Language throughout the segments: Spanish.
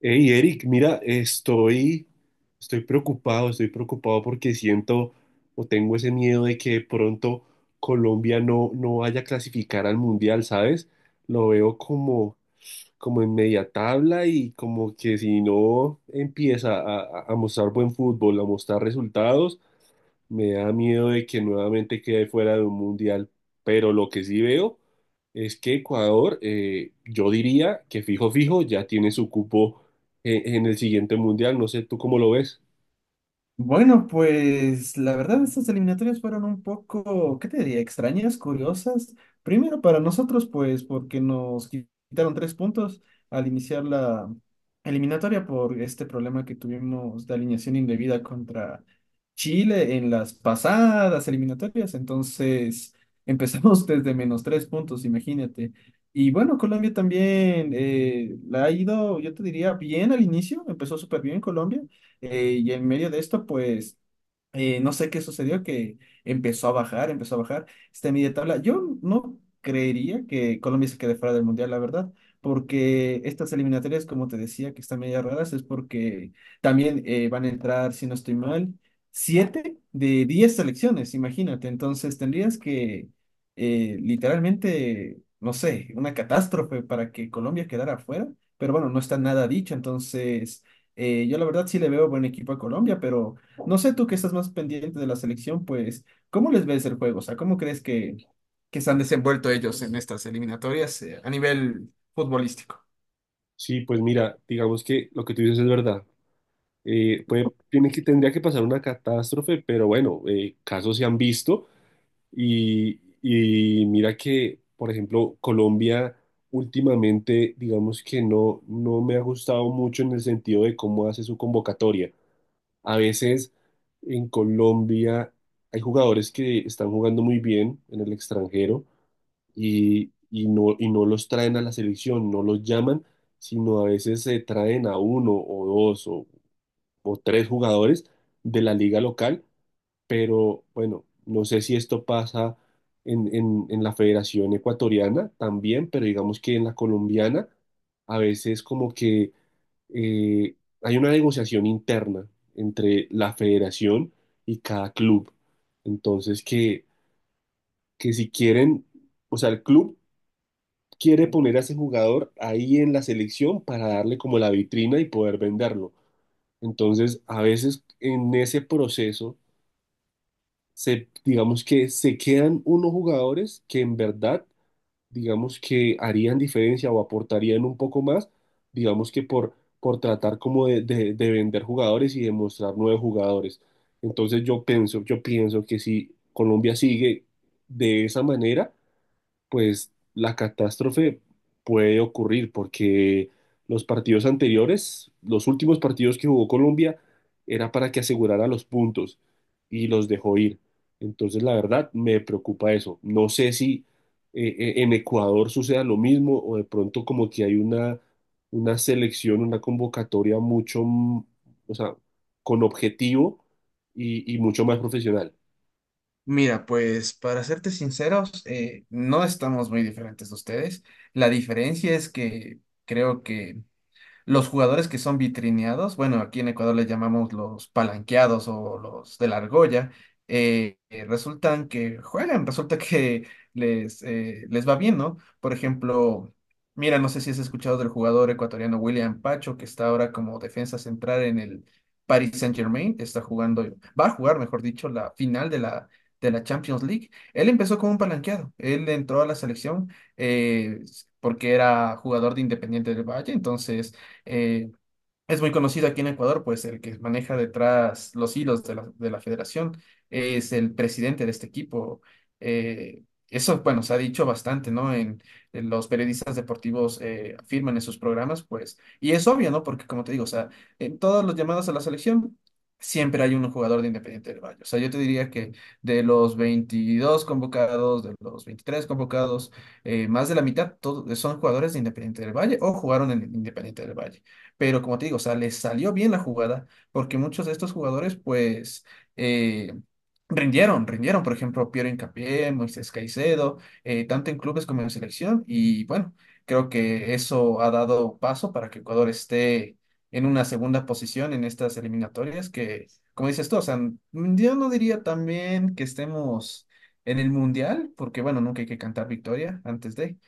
Hey, Eric, mira, estoy preocupado porque siento o tengo ese miedo de que de pronto Colombia no vaya a clasificar al mundial, ¿sabes? Lo veo como en media tabla y como que si no empieza a mostrar buen fútbol, a mostrar resultados, me da miedo de que nuevamente quede fuera de un mundial, pero lo que sí veo es que Ecuador, yo diría que fijo, fijo, ya tiene su cupo en el siguiente mundial. No sé, ¿tú cómo lo ves? Bueno, pues la verdad estas eliminatorias fueron un poco, ¿qué te diría? Extrañas, curiosas. Primero para nosotros, pues porque nos quitaron 3 puntos al iniciar la eliminatoria por este problema que tuvimos de alineación indebida contra Chile en las pasadas eliminatorias. Entonces empezamos desde menos 3 puntos, imagínate. Y bueno, Colombia también la ha ido, yo te diría, bien al inicio, empezó súper bien Colombia y en medio de esto, pues no sé qué sucedió, que empezó a bajar esta media tabla. Yo no creería que Colombia se quede fuera del Mundial, la verdad, porque estas eliminatorias, como te decía, que están media raras, es porque también van a entrar, si no estoy mal, 7 de 10 selecciones, imagínate. Entonces tendrías que, literalmente, no sé, una catástrofe para que Colombia quedara fuera, pero bueno, no está nada dicho, entonces yo la verdad sí le veo buen equipo a Colombia, pero no sé tú que estás más pendiente de la selección, pues, ¿cómo les ves el juego? O sea, ¿cómo crees que se han desenvuelto ellos en estas eliminatorias a nivel futbolístico? Sí, pues mira, digamos que lo que tú dices es verdad. Tiene que, tendría que pasar una catástrofe, pero bueno, casos se han visto. Y mira que, por ejemplo, Colombia últimamente, digamos que no me ha gustado mucho en el sentido de cómo hace su convocatoria. A veces en Colombia hay jugadores que están jugando muy bien en el extranjero y no los traen a la selección, no los llaman, sino a veces se traen a uno o dos o tres jugadores de la liga local, pero bueno, no sé si esto pasa en la Federación Ecuatoriana también, pero digamos que en la colombiana a veces como que eh, hay una negociación interna entre la federación y cada club. Entonces que si quieren, o sea, el club quiere poner a ese jugador ahí en la selección para darle como la vitrina y poder venderlo. Entonces, a veces en ese proceso digamos que se quedan unos jugadores que en verdad, digamos que harían diferencia o aportarían un poco más, digamos que por tratar como de vender jugadores y demostrar nuevos jugadores. Entonces yo pienso que si Colombia sigue de esa manera, pues la catástrofe puede ocurrir porque los partidos anteriores, los últimos partidos que jugó Colombia, era para que asegurara los puntos y los dejó ir. Entonces, la verdad, me preocupa eso. No sé si en Ecuador suceda lo mismo o de pronto como que hay una selección, una convocatoria mucho, o sea, con objetivo y mucho más profesional. Mira, pues para serte sinceros, no estamos muy diferentes de ustedes. La diferencia es que creo que los jugadores que son vitrineados, bueno, aquí en Ecuador les llamamos los palanqueados o los de la argolla, resultan que juegan, resulta que les va bien, ¿no? Por ejemplo, mira, no sé si has escuchado del jugador ecuatoriano William Pacho, que está ahora como defensa central en el Paris Saint-Germain, está jugando, va a jugar, mejor dicho, la final de la Champions League. Él empezó como un palanqueado, él entró a la selección eh, porque era jugador de Independiente del Valle, entonces eh, es muy conocido aquí en Ecuador, pues el que maneja detrás los hilos de la federación es el presidente de este equipo. Eh, Eso, bueno, se ha dicho bastante, ¿no? En los periodistas deportivos afirman en sus programas, pues, y es obvio, ¿no? Porque como te digo, o sea, en todos los llamados a la selección siempre hay un jugador de Independiente del Valle. O sea, yo te diría que de los 23 convocados, más de la mitad son jugadores de Independiente del Valle o jugaron en Independiente del Valle. Pero como te digo, o sea, les salió bien la jugada, porque muchos de estos jugadores, pues, eh, rindieron, rindieron, por ejemplo, Piero Hincapié, Moisés Caicedo, tanto en clubes como en selección, y bueno, creo que eso ha dado paso para que Ecuador esté en una segunda posición en estas eliminatorias, que, como dices tú, o sea, yo no diría también que estemos en el mundial, porque bueno, nunca hay que cantar victoria antes de,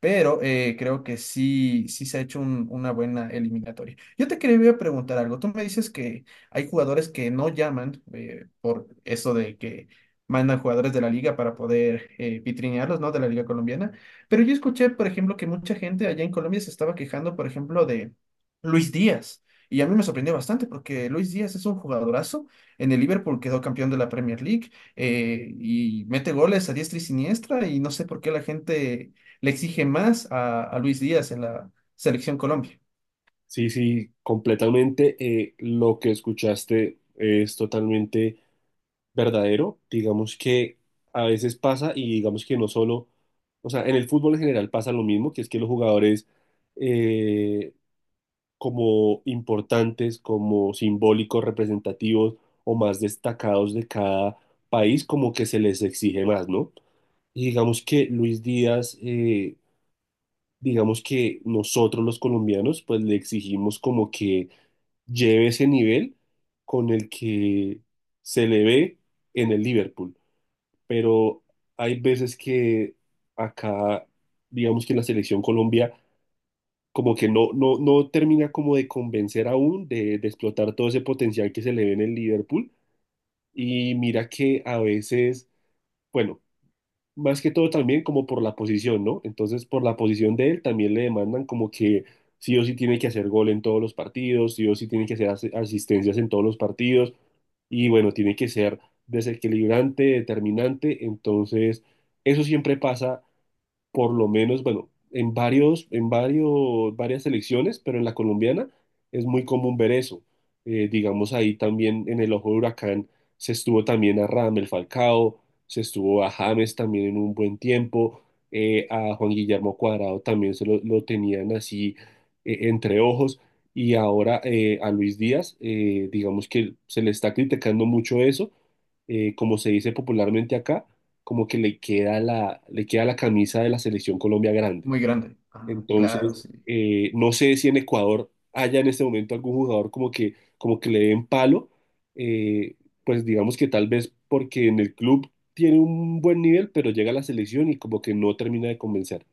pero creo que sí, sí se ha hecho una buena eliminatoria. Yo te quería preguntar algo. Tú me dices que hay jugadores que no llaman por eso de que mandan jugadores de la liga para poder vitrinearlos, ¿no? De la liga colombiana. Pero yo escuché, por ejemplo, que mucha gente allá en Colombia se estaba quejando, por ejemplo, de Luis Díaz. Y a mí me sorprendió bastante porque Luis Díaz es un jugadorazo. En el Liverpool quedó campeón de la Premier League y mete goles a diestra y siniestra y no sé por qué la gente le exige más a Luis Díaz en la selección Colombia. Sí, sí, completamente. Lo que escuchaste es totalmente verdadero. Digamos que a veces pasa y digamos que no solo, o sea, en el fútbol en general pasa lo mismo, que es que los jugadores eh, como importantes, como simbólicos, representativos o más destacados de cada país, como que se les exige más, ¿no? Y digamos que Luis Díaz, digamos que nosotros los colombianos, pues le exigimos como que lleve ese nivel con el que se le ve en el Liverpool. Pero hay veces que acá, digamos que la selección Colombia como que no termina como de convencer aún de explotar todo ese potencial que se le ve en el Liverpool. Y mira que a veces, bueno, más que todo también como por la posición, ¿no? Entonces, por la posición de él también le demandan como que sí o sí tiene que hacer gol en todos los partidos, sí o sí tiene que hacer asistencias en todos los partidos y bueno, tiene que ser desequilibrante, determinante, entonces eso siempre pasa por lo menos, bueno, varias selecciones, pero en la colombiana es muy común ver eso. Digamos ahí también en el ojo de huracán se estuvo también a Radamel Falcao, se estuvo a James también en un buen tiempo, a Juan Guillermo Cuadrado también lo tenían así entre ojos. Y ahora a Luis Díaz, digamos que se le está criticando mucho eso, como se dice popularmente acá, como que le queda la camisa de la selección Colombia grande. Muy grande. Ah, claro, Entonces, sí. No sé si en Ecuador haya en este momento algún jugador como como que le den palo, eh, pues digamos que tal vez porque en el club tiene un buen nivel, pero llega a la selección y como que no termina de convencer.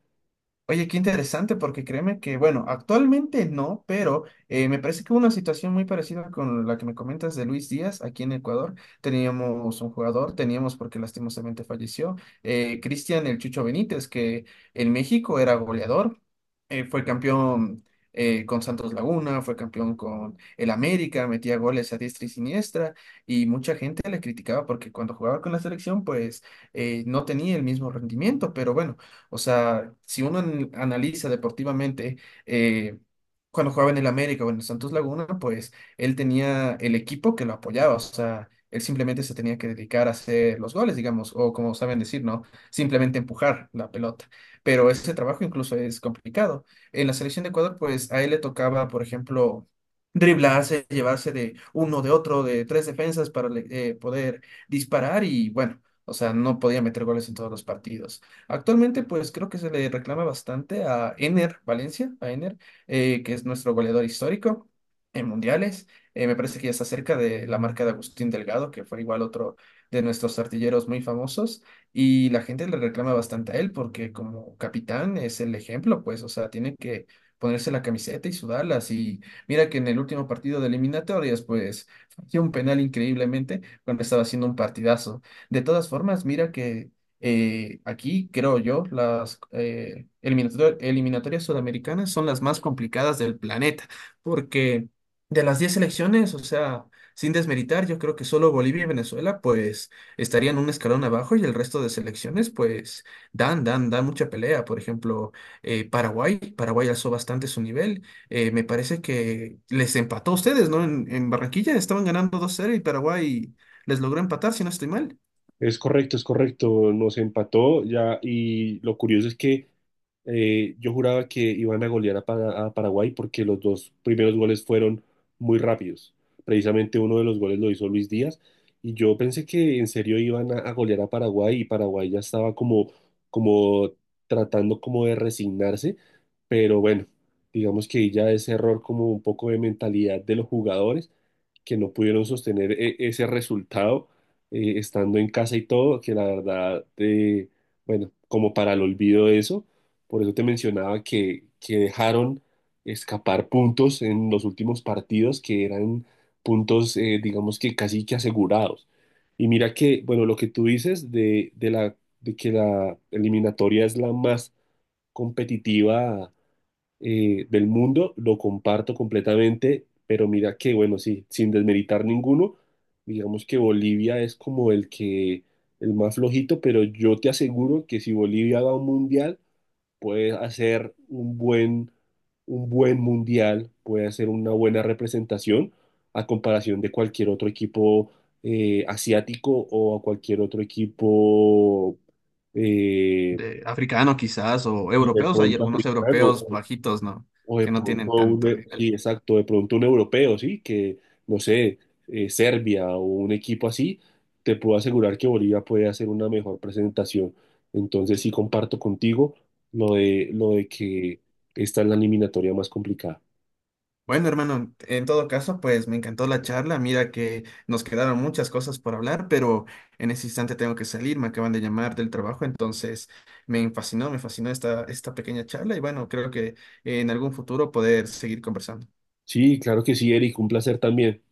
Oye, qué interesante, porque créeme que, bueno, actualmente no, pero me parece que hubo una situación muy parecida con la que me comentas de Luis Díaz aquí en Ecuador. Teníamos un jugador, teníamos porque lastimosamente falleció, Cristian el Chucho Benítez, que en México era goleador, fue campeón con Santos Laguna, fue campeón con el América, metía goles a diestra y siniestra, y mucha gente le criticaba porque cuando jugaba con la selección, pues no tenía el mismo rendimiento, pero bueno. O sea, si uno analiza deportivamente, eh, cuando jugaba en el América o en el Santos Laguna, pues él tenía el equipo que lo apoyaba, o sea, él simplemente se tenía que dedicar a hacer los goles, digamos, o como saben decir, ¿no? Simplemente empujar la pelota. Pero ese trabajo incluso es complicado. En la selección de Ecuador, pues a él le tocaba, por ejemplo, driblarse, llevarse de uno, de otro, de tres defensas para poder disparar y bueno, o sea, no podía meter goles en todos los partidos. Actualmente, pues creo que se le reclama bastante a Ener Valencia, a Ener, que es nuestro goleador histórico en mundiales. Me parece que ya está cerca de la marca de Agustín Delgado, que fue igual otro de nuestros artilleros muy famosos. Y la gente le reclama bastante a él porque como capitán es el ejemplo, pues, o sea, tiene que ponerse la camiseta y sudarlas. Y mira que en el último partido de eliminatorias, pues, falló un penal increíblemente cuando estaba haciendo un partidazo. De todas formas, mira que aquí, creo yo, las eliminatorias sudamericanas son las más complicadas del planeta, porque de las 10 selecciones, o sea, sin desmeritar, yo creo que solo Bolivia y Venezuela, pues, estarían un escalón abajo y el resto de selecciones, pues, dan mucha pelea. Por ejemplo, Paraguay, Paraguay alzó bastante su nivel. Me parece que les empató a ustedes, ¿no? En Barranquilla estaban ganando 2-0 y Paraguay les logró empatar, si no estoy mal. Es correcto, nos empató ya y lo curioso es que yo juraba que iban a golear a Paraguay porque los dos primeros goles fueron muy rápidos. Precisamente uno de los goles lo hizo Luis Díaz y yo pensé que en serio iban a golear a Paraguay y Paraguay ya estaba como, como tratando como de resignarse, pero bueno, digamos que ya ese error como un poco de mentalidad de los jugadores que no pudieron sostener ese resultado estando en casa y todo, que la verdad, bueno, como para el olvido de eso, por eso te mencionaba que dejaron escapar puntos en los últimos partidos que eran puntos, digamos que casi que asegurados. Y mira que, bueno, lo que tú dices de que la eliminatoria es la más competitiva del mundo, lo comparto completamente, pero mira que, bueno, sí, sin desmeritar ninguno, digamos que Bolivia es como el que, el más flojito, pero yo te aseguro que si Bolivia va a un mundial, puede hacer un buen mundial, puede hacer una buena representación a comparación de cualquier otro equipo asiático o a cualquier otro equipo eh, De africano quizás o y de europeos, hay pronto algunos africano. europeos bajitos, ¿no? O de Que no tienen pronto tanto sí, nivel. exacto, de pronto un europeo, sí, que, no sé, Serbia o un equipo así, te puedo asegurar que Bolivia puede hacer una mejor presentación. Entonces sí comparto contigo lo de que esta es la eliminatoria más complicada. Bueno, hermano, en todo caso, pues me encantó la charla. Mira que nos quedaron muchas cosas por hablar, pero en ese instante tengo que salir, me acaban de llamar del trabajo, entonces me fascinó esta pequeña charla y bueno, creo que en algún futuro poder seguir conversando. Sí, claro que sí, Eric, un placer también.